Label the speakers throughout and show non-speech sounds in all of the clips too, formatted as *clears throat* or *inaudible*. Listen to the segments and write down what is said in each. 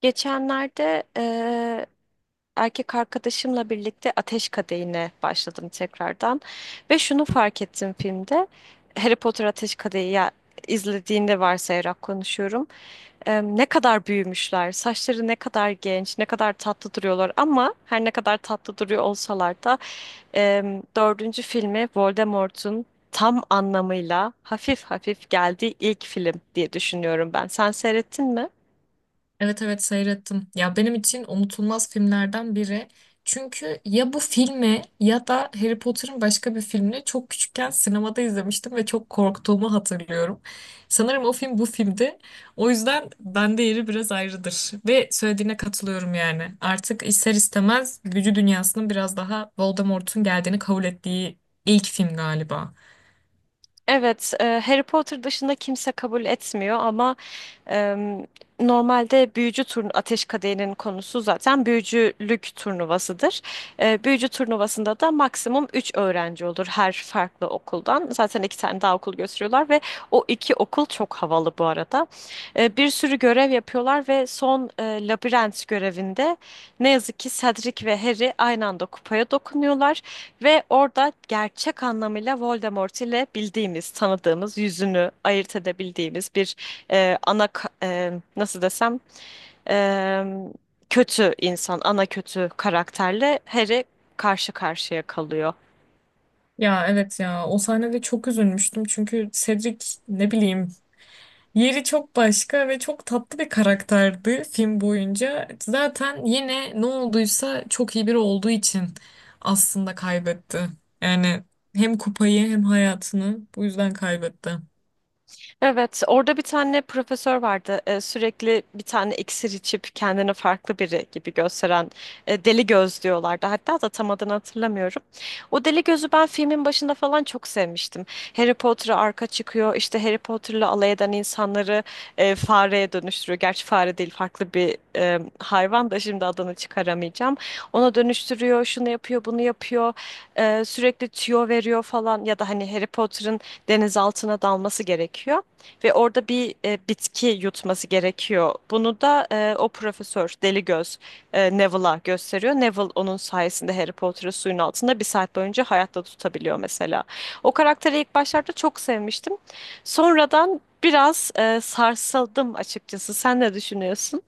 Speaker 1: Geçenlerde erkek arkadaşımla birlikte Ateş Kadehi'ne başladım tekrardan ve şunu fark ettim filmde. Harry Potter Ateş Kadehi ya, izlediğinde varsayarak konuşuyorum. Ne kadar büyümüşler, saçları ne kadar genç, ne kadar tatlı duruyorlar ama her ne kadar tatlı duruyor olsalar da dördüncü filmi Voldemort'un tam anlamıyla hafif hafif geldiği ilk film diye düşünüyorum ben. Sen seyrettin mi?
Speaker 2: Evet evet seyrettim. Ya benim için unutulmaz filmlerden biri. Çünkü ya bu filmi ya da Harry Potter'ın başka bir filmini çok küçükken sinemada izlemiştim ve çok korktuğumu hatırlıyorum. Sanırım o film bu filmdi. O yüzden bende yeri biraz ayrıdır. Ve söylediğine katılıyorum yani. Artık ister istemez büyü dünyasının biraz daha Voldemort'un geldiğini kabul ettiği ilk film galiba.
Speaker 1: Evet, Harry Potter dışında kimse kabul etmiyor ama em, normalde büyücü turnu Ateş Kadehi'nin konusu zaten büyücülük turnuvasıdır. Büyücü turnuvasında da maksimum 3 öğrenci olur her farklı okuldan. Zaten iki tane daha okul gösteriyorlar ve o iki okul çok havalı bu arada. Bir sürü görev yapıyorlar ve son labirent görevinde ne yazık ki Cedric ve Harry aynı anda kupaya dokunuyorlar. Ve orada gerçek anlamıyla Voldemort ile bildiğimiz, tanıdığımız, yüzünü ayırt edebildiğimiz bir nasıl desem e, kötü insan, ana kötü karakterle Harry karşı karşıya kalıyor.
Speaker 2: Ya evet ya o sahnede çok üzülmüştüm çünkü Cedric ne bileyim yeri çok başka ve çok tatlı bir karakterdi film boyunca. Zaten yine ne olduysa çok iyi biri olduğu için aslında kaybetti. Yani hem kupayı hem hayatını bu yüzden kaybetti.
Speaker 1: Evet, orada bir tane profesör vardı. Sürekli bir tane iksir içip kendini farklı biri gibi gösteren deli göz diyorlardı. Hatta da tam adını hatırlamıyorum. O deli gözü ben filmin başında falan çok sevmiştim. Harry Potter'a arka çıkıyor. İşte Harry Potter'la alay eden insanları fareye dönüştürüyor. Gerçi fare değil, farklı bir hayvan da şimdi adını çıkaramayacağım. Ona dönüştürüyor, şunu yapıyor, bunu yapıyor. Sürekli tüyo veriyor falan ya da hani Harry Potter'ın deniz altına dalması gerekiyor. Ve orada bir bitki yutması gerekiyor. Bunu da o profesör Deli Göz Neville'a gösteriyor. Neville onun sayesinde Harry Potter'ı suyun altında bir saat boyunca hayatta tutabiliyor mesela. O karakteri ilk başlarda çok sevmiştim. Sonradan biraz sarsıldım açıkçası. Sen ne düşünüyorsun?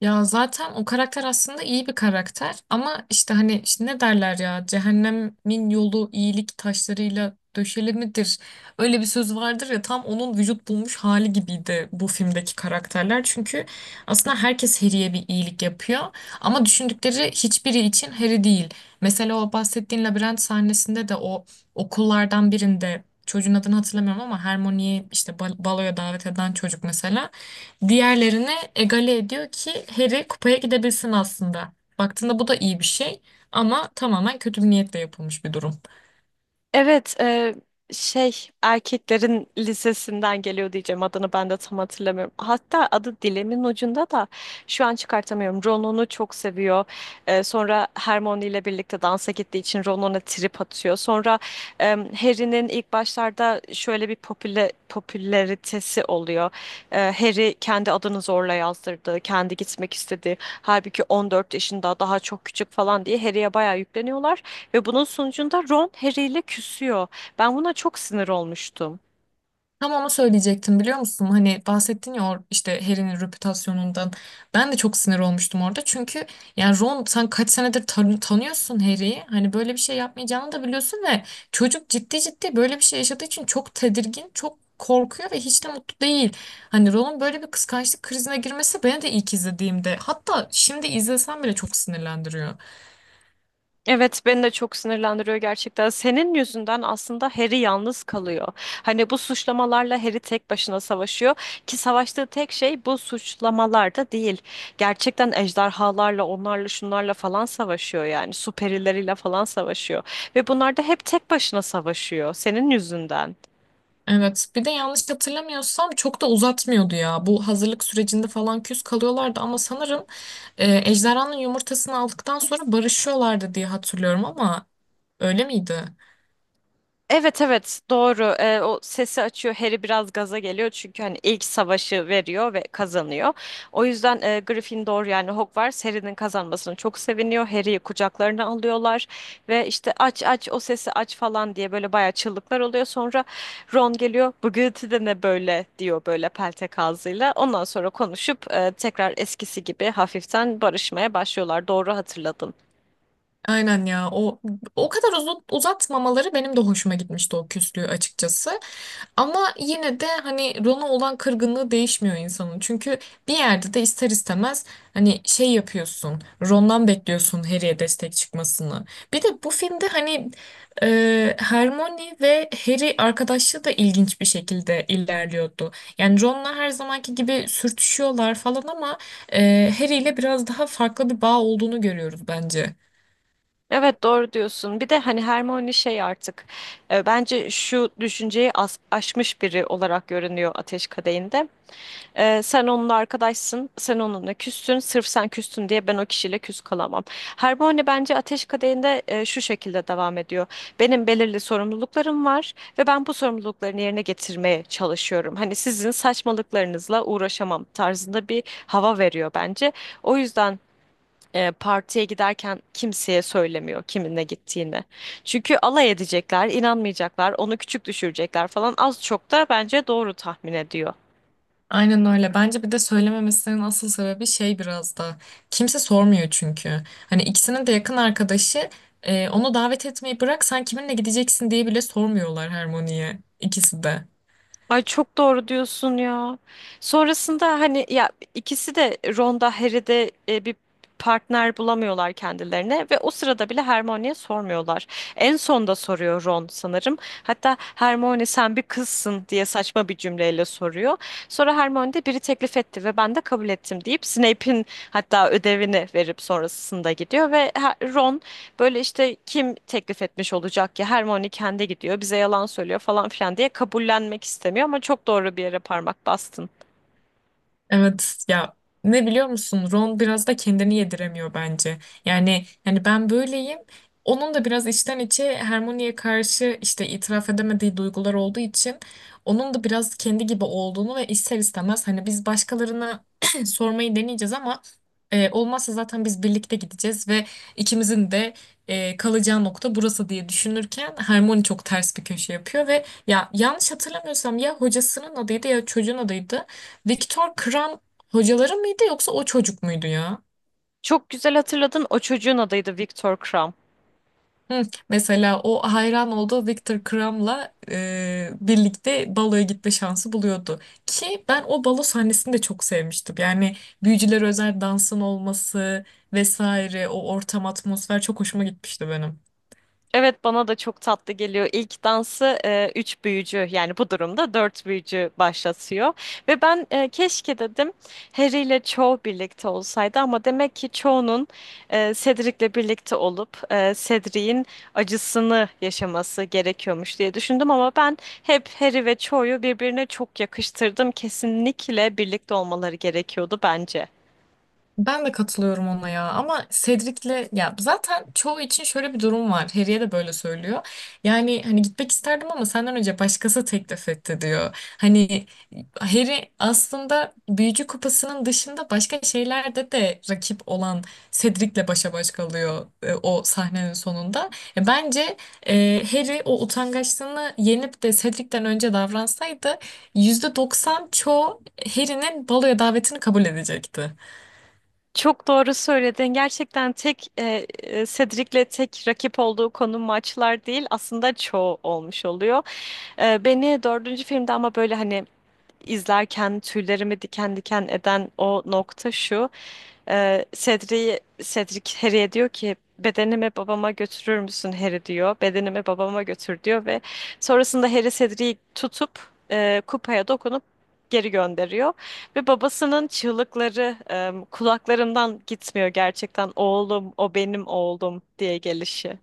Speaker 2: Ya zaten o karakter aslında iyi bir karakter ama işte hani işte ne derler ya cehennemin yolu iyilik taşlarıyla döşeli midir? Öyle bir söz vardır ya tam onun vücut bulmuş hali gibiydi bu filmdeki karakterler. Çünkü aslında herkes Harry'e bir iyilik yapıyor ama düşündükleri hiçbiri için Harry değil. Mesela o bahsettiğin labirent sahnesinde de o okullardan birinde çocuğun adını hatırlamıyorum ama Hermione'yi işte baloya davet eden çocuk mesela. Diğerlerine egale ediyor ki Harry kupaya gidebilsin aslında. Baktığında bu da iyi bir şey ama tamamen kötü bir niyetle yapılmış bir durum.
Speaker 1: Evet, şey erkeklerin lisesinden geliyor diyeceğim adını ben de tam hatırlamıyorum. Hatta adı dilimin ucunda da şu an çıkartamıyorum. Ron çok seviyor. Sonra Hermione ile birlikte dansa gittiği için Ron ona trip atıyor. Sonra e, Harry'nin ilk başlarda şöyle bir popülaritesi oluyor. Harry kendi adını zorla yazdırdı. Kendi gitmek istedi. Halbuki 14 yaşında daha çok küçük falan diye Harry'ye bayağı yükleniyorlar. Ve bunun sonucunda Ron Harry ile küsüyor. Ben buna çok sinir olmuştum.
Speaker 2: Tam onu söyleyecektim biliyor musun? Hani bahsettin ya işte Harry'nin reputasyonundan. Ben de çok sinir olmuştum orada. Çünkü yani Ron sen kaç senedir tanıyorsun Harry'i. Hani böyle bir şey yapmayacağını da biliyorsun ve çocuk ciddi ciddi böyle bir şey yaşadığı için çok tedirgin, çok korkuyor ve hiç de mutlu değil. Hani Ron'un böyle bir kıskançlık krizine girmesi beni de ilk izlediğimde hatta şimdi izlesem bile çok sinirlendiriyor.
Speaker 1: Evet, beni de çok sinirlendiriyor gerçekten. Senin yüzünden aslında Harry yalnız kalıyor. Hani bu suçlamalarla Harry tek başına savaşıyor ki savaştığı tek şey bu suçlamalarda değil. Gerçekten ejderhalarla, onlarla, şunlarla falan savaşıyor yani. Süperileriyle falan savaşıyor ve bunlar da hep tek başına savaşıyor senin yüzünden.
Speaker 2: Evet. Bir de yanlış hatırlamıyorsam çok da uzatmıyordu ya. Bu hazırlık sürecinde falan küs kalıyorlardı ama sanırım ejderhanın yumurtasını aldıktan sonra barışıyorlardı diye hatırlıyorum ama öyle miydi?
Speaker 1: Evet evet, doğru. O sesi açıyor. Harry biraz gaza geliyor çünkü hani ilk savaşı veriyor ve kazanıyor. O yüzden Gryffindor yani Hogwarts Harry'nin kazanmasına çok seviniyor. Harry'yi kucaklarına alıyorlar ve işte aç aç o sesi aç falan diye böyle bayağı çığlıklar oluyor. Sonra Ron geliyor. Bu gürültü de ne böyle diyor böyle peltek ağzıyla. Ondan sonra konuşup tekrar eskisi gibi hafiften barışmaya başlıyorlar. Doğru hatırladın.
Speaker 2: Aynen ya. O kadar uzun, uzatmamaları benim de hoşuma gitmişti o küslüğü açıkçası. Ama yine de hani Ron'a olan kırgınlığı değişmiyor insanın. Çünkü bir yerde de ister istemez hani şey yapıyorsun. Ron'dan bekliyorsun Harry'e destek çıkmasını. Bir de bu filmde hani Hermione ve Harry arkadaşlığı da ilginç bir şekilde ilerliyordu. Yani Ron'la her zamanki gibi sürtüşüyorlar falan ama Harry ile biraz daha farklı bir bağ olduğunu görüyoruz bence.
Speaker 1: Evet, doğru diyorsun. Bir de hani Hermione şey artık bence şu düşünceyi aşmış biri olarak görünüyor Ateş Kadehi'nde. Sen onunla arkadaşsın, sen onunla küstün, sırf sen küstün diye ben o kişiyle küs kalamam. Hermione bence Ateş Kadehi'nde şu şekilde devam ediyor. Benim belirli sorumluluklarım var ve ben bu sorumluluklarını yerine getirmeye çalışıyorum. Hani sizin saçmalıklarınızla uğraşamam tarzında bir hava veriyor bence. O yüzden partiye giderken kimseye söylemiyor kiminle gittiğini. Çünkü alay edecekler, inanmayacaklar, onu küçük düşürecekler falan az çok da bence doğru tahmin ediyor.
Speaker 2: Aynen öyle. Bence bir de söylememesinin asıl sebebi şey biraz da. Kimse sormuyor çünkü. Hani ikisinin de yakın arkadaşı onu davet etmeyi bırak sen kiminle gideceksin diye bile sormuyorlar Harmony'ye ikisi de.
Speaker 1: Ay, çok doğru diyorsun ya. Sonrasında hani ya ikisi de Ron'da Harry'de bir partner bulamıyorlar kendilerine ve o sırada bile Hermione'ye sormuyorlar. En son da soruyor Ron sanırım. Hatta Hermione sen bir kızsın diye saçma bir cümleyle soruyor. Sonra Hermione de biri teklif etti ve ben de kabul ettim deyip Snape'in hatta ödevini verip sonrasında gidiyor ve Ron böyle işte kim teklif etmiş olacak ki Hermione kendi gidiyor bize yalan söylüyor falan filan diye kabullenmek istemiyor ama çok doğru bir yere parmak bastın.
Speaker 2: Evet ya ne biliyor musun Ron biraz da kendini yediremiyor bence. Yani ben böyleyim. Onun da biraz içten içe Hermione'ye karşı işte itiraf edemediği duygular olduğu için onun da biraz kendi gibi olduğunu ve ister istemez hani biz başkalarına *clears throat* sormayı deneyeceğiz ama olmazsa zaten biz birlikte gideceğiz ve ikimizin de kalacağı nokta burası diye düşünürken Hermione çok ters bir köşe yapıyor ve ya yanlış hatırlamıyorsam ya hocasının adıydı ya çocuğun adıydı. Viktor Kram hocaları mıydı yoksa o çocuk muydu ya?
Speaker 1: Çok güzel hatırladın, o çocuğun adıydı Victor Krum.
Speaker 2: Hı, mesela o hayran olduğu Viktor Kram'la birlikte baloya gitme şansı buluyordu. Ki ben o balo sahnesini de çok sevmiştim. Yani büyücüler özel dansın olması vesaire o ortam atmosfer çok hoşuma gitmişti benim.
Speaker 1: Evet, bana da çok tatlı geliyor. İlk dansı üç büyücü yani bu durumda dört büyücü başlatıyor. Ve ben keşke dedim Harry ile Cho birlikte olsaydı ama demek ki Cho'nun Cedric'le birlikte olup Cedric'in acısını yaşaması gerekiyormuş diye düşündüm ama ben hep Harry ve Cho'yu birbirine çok yakıştırdım. Kesinlikle birlikte olmaları gerekiyordu bence.
Speaker 2: Ben de katılıyorum ona ya ama Cedric'le ya zaten çoğu için şöyle bir durum var. Harry'e de böyle söylüyor. Yani hani gitmek isterdim ama senden önce başkası teklif etti diyor. Hani Harry aslında Büyücü Kupası'nın dışında başka şeylerde de rakip olan Cedric'le başa baş kalıyor o sahnenin sonunda. Bence Harry o utangaçlığını yenip de Cedric'ten önce davransaydı %90 çoğu Harry'nin baloya davetini kabul edecekti.
Speaker 1: Çok doğru söyledin. Gerçekten tek Cedric'le tek rakip olduğu konu maçlar değil, aslında çoğu olmuş oluyor. Beni dördüncü filmde ama böyle hani izlerken tüylerimi diken diken eden o nokta şu. Cedric Harry'e diyor ki bedenimi babama götürür müsün Harry diyor. Bedenimi babama götür diyor ve sonrasında Harry Cedric'i tutup kupaya dokunup geri gönderiyor. Ve babasının çığlıkları kulaklarımdan gitmiyor gerçekten, oğlum o benim oğlum diye gelişi.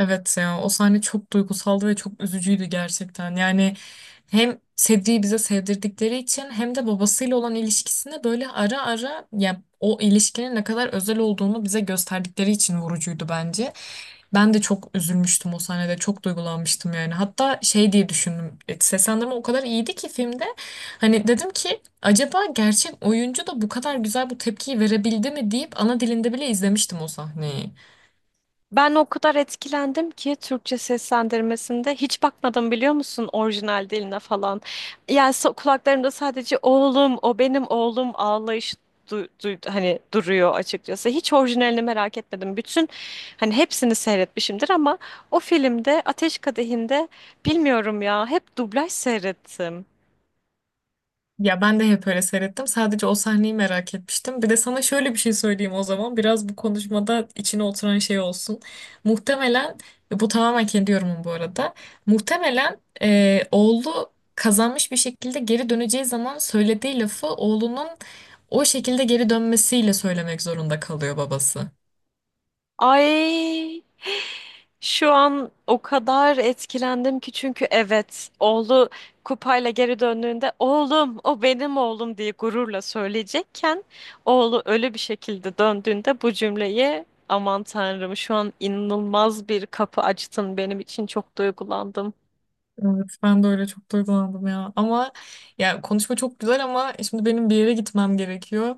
Speaker 2: Evet ya o sahne çok duygusaldı ve çok üzücüydü gerçekten. Yani hem Sedrik'i bize sevdirdikleri için hem de babasıyla olan ilişkisine böyle ara ara ya o ilişkinin ne kadar özel olduğunu bize gösterdikleri için vurucuydu bence. Ben de çok üzülmüştüm o sahnede. Çok duygulanmıştım yani. Hatta şey diye düşündüm. Seslendirme o kadar iyiydi ki filmde. Hani dedim ki acaba gerçek oyuncu da bu kadar güzel bu tepkiyi verebildi mi deyip ana dilinde bile izlemiştim o sahneyi.
Speaker 1: Ben o kadar etkilendim ki Türkçe seslendirmesinde hiç bakmadım biliyor musun orijinal diline falan. Yani kulaklarımda sadece oğlum o benim oğlum ağlayışı hani duruyor açıkçası. Hiç orijinalini merak etmedim. Bütün hani hepsini seyretmişimdir ama o filmde Ateş Kadehi'nde bilmiyorum ya hep dublaj seyrettim.
Speaker 2: Ya ben de hep öyle seyrettim. Sadece o sahneyi merak etmiştim. Bir de sana şöyle bir şey söyleyeyim o zaman. Biraz bu konuşmada içine oturan şey olsun. Muhtemelen, bu tamamen kendi yorumum bu arada. Muhtemelen oğlu kazanmış bir şekilde geri döneceği zaman söylediği lafı oğlunun o şekilde geri dönmesiyle söylemek zorunda kalıyor babası.
Speaker 1: Ay, şu an o kadar etkilendim ki çünkü evet, oğlu kupayla geri döndüğünde oğlum o benim oğlum diye gururla söyleyecekken oğlu ölü bir şekilde döndüğünde bu cümleyi, aman tanrım, şu an inanılmaz bir kapı açtın benim için, çok duygulandım.
Speaker 2: Evet, ben de öyle çok duygulandım ya. Ama ya konuşma çok güzel ama şimdi benim bir yere gitmem gerekiyor.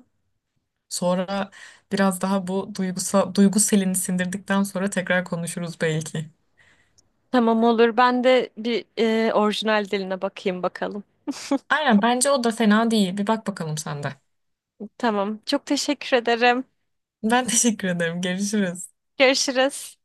Speaker 2: Sonra biraz daha bu duygusal, duygu selini sindirdikten sonra tekrar konuşuruz belki.
Speaker 1: Tamam, olur, ben de bir orijinal diline bakayım bakalım.
Speaker 2: Aynen bence o da fena değil. Bir bak bakalım sen de.
Speaker 1: Tamam, çok teşekkür ederim.
Speaker 2: Ben *laughs* teşekkür ederim. Görüşürüz.
Speaker 1: Görüşürüz.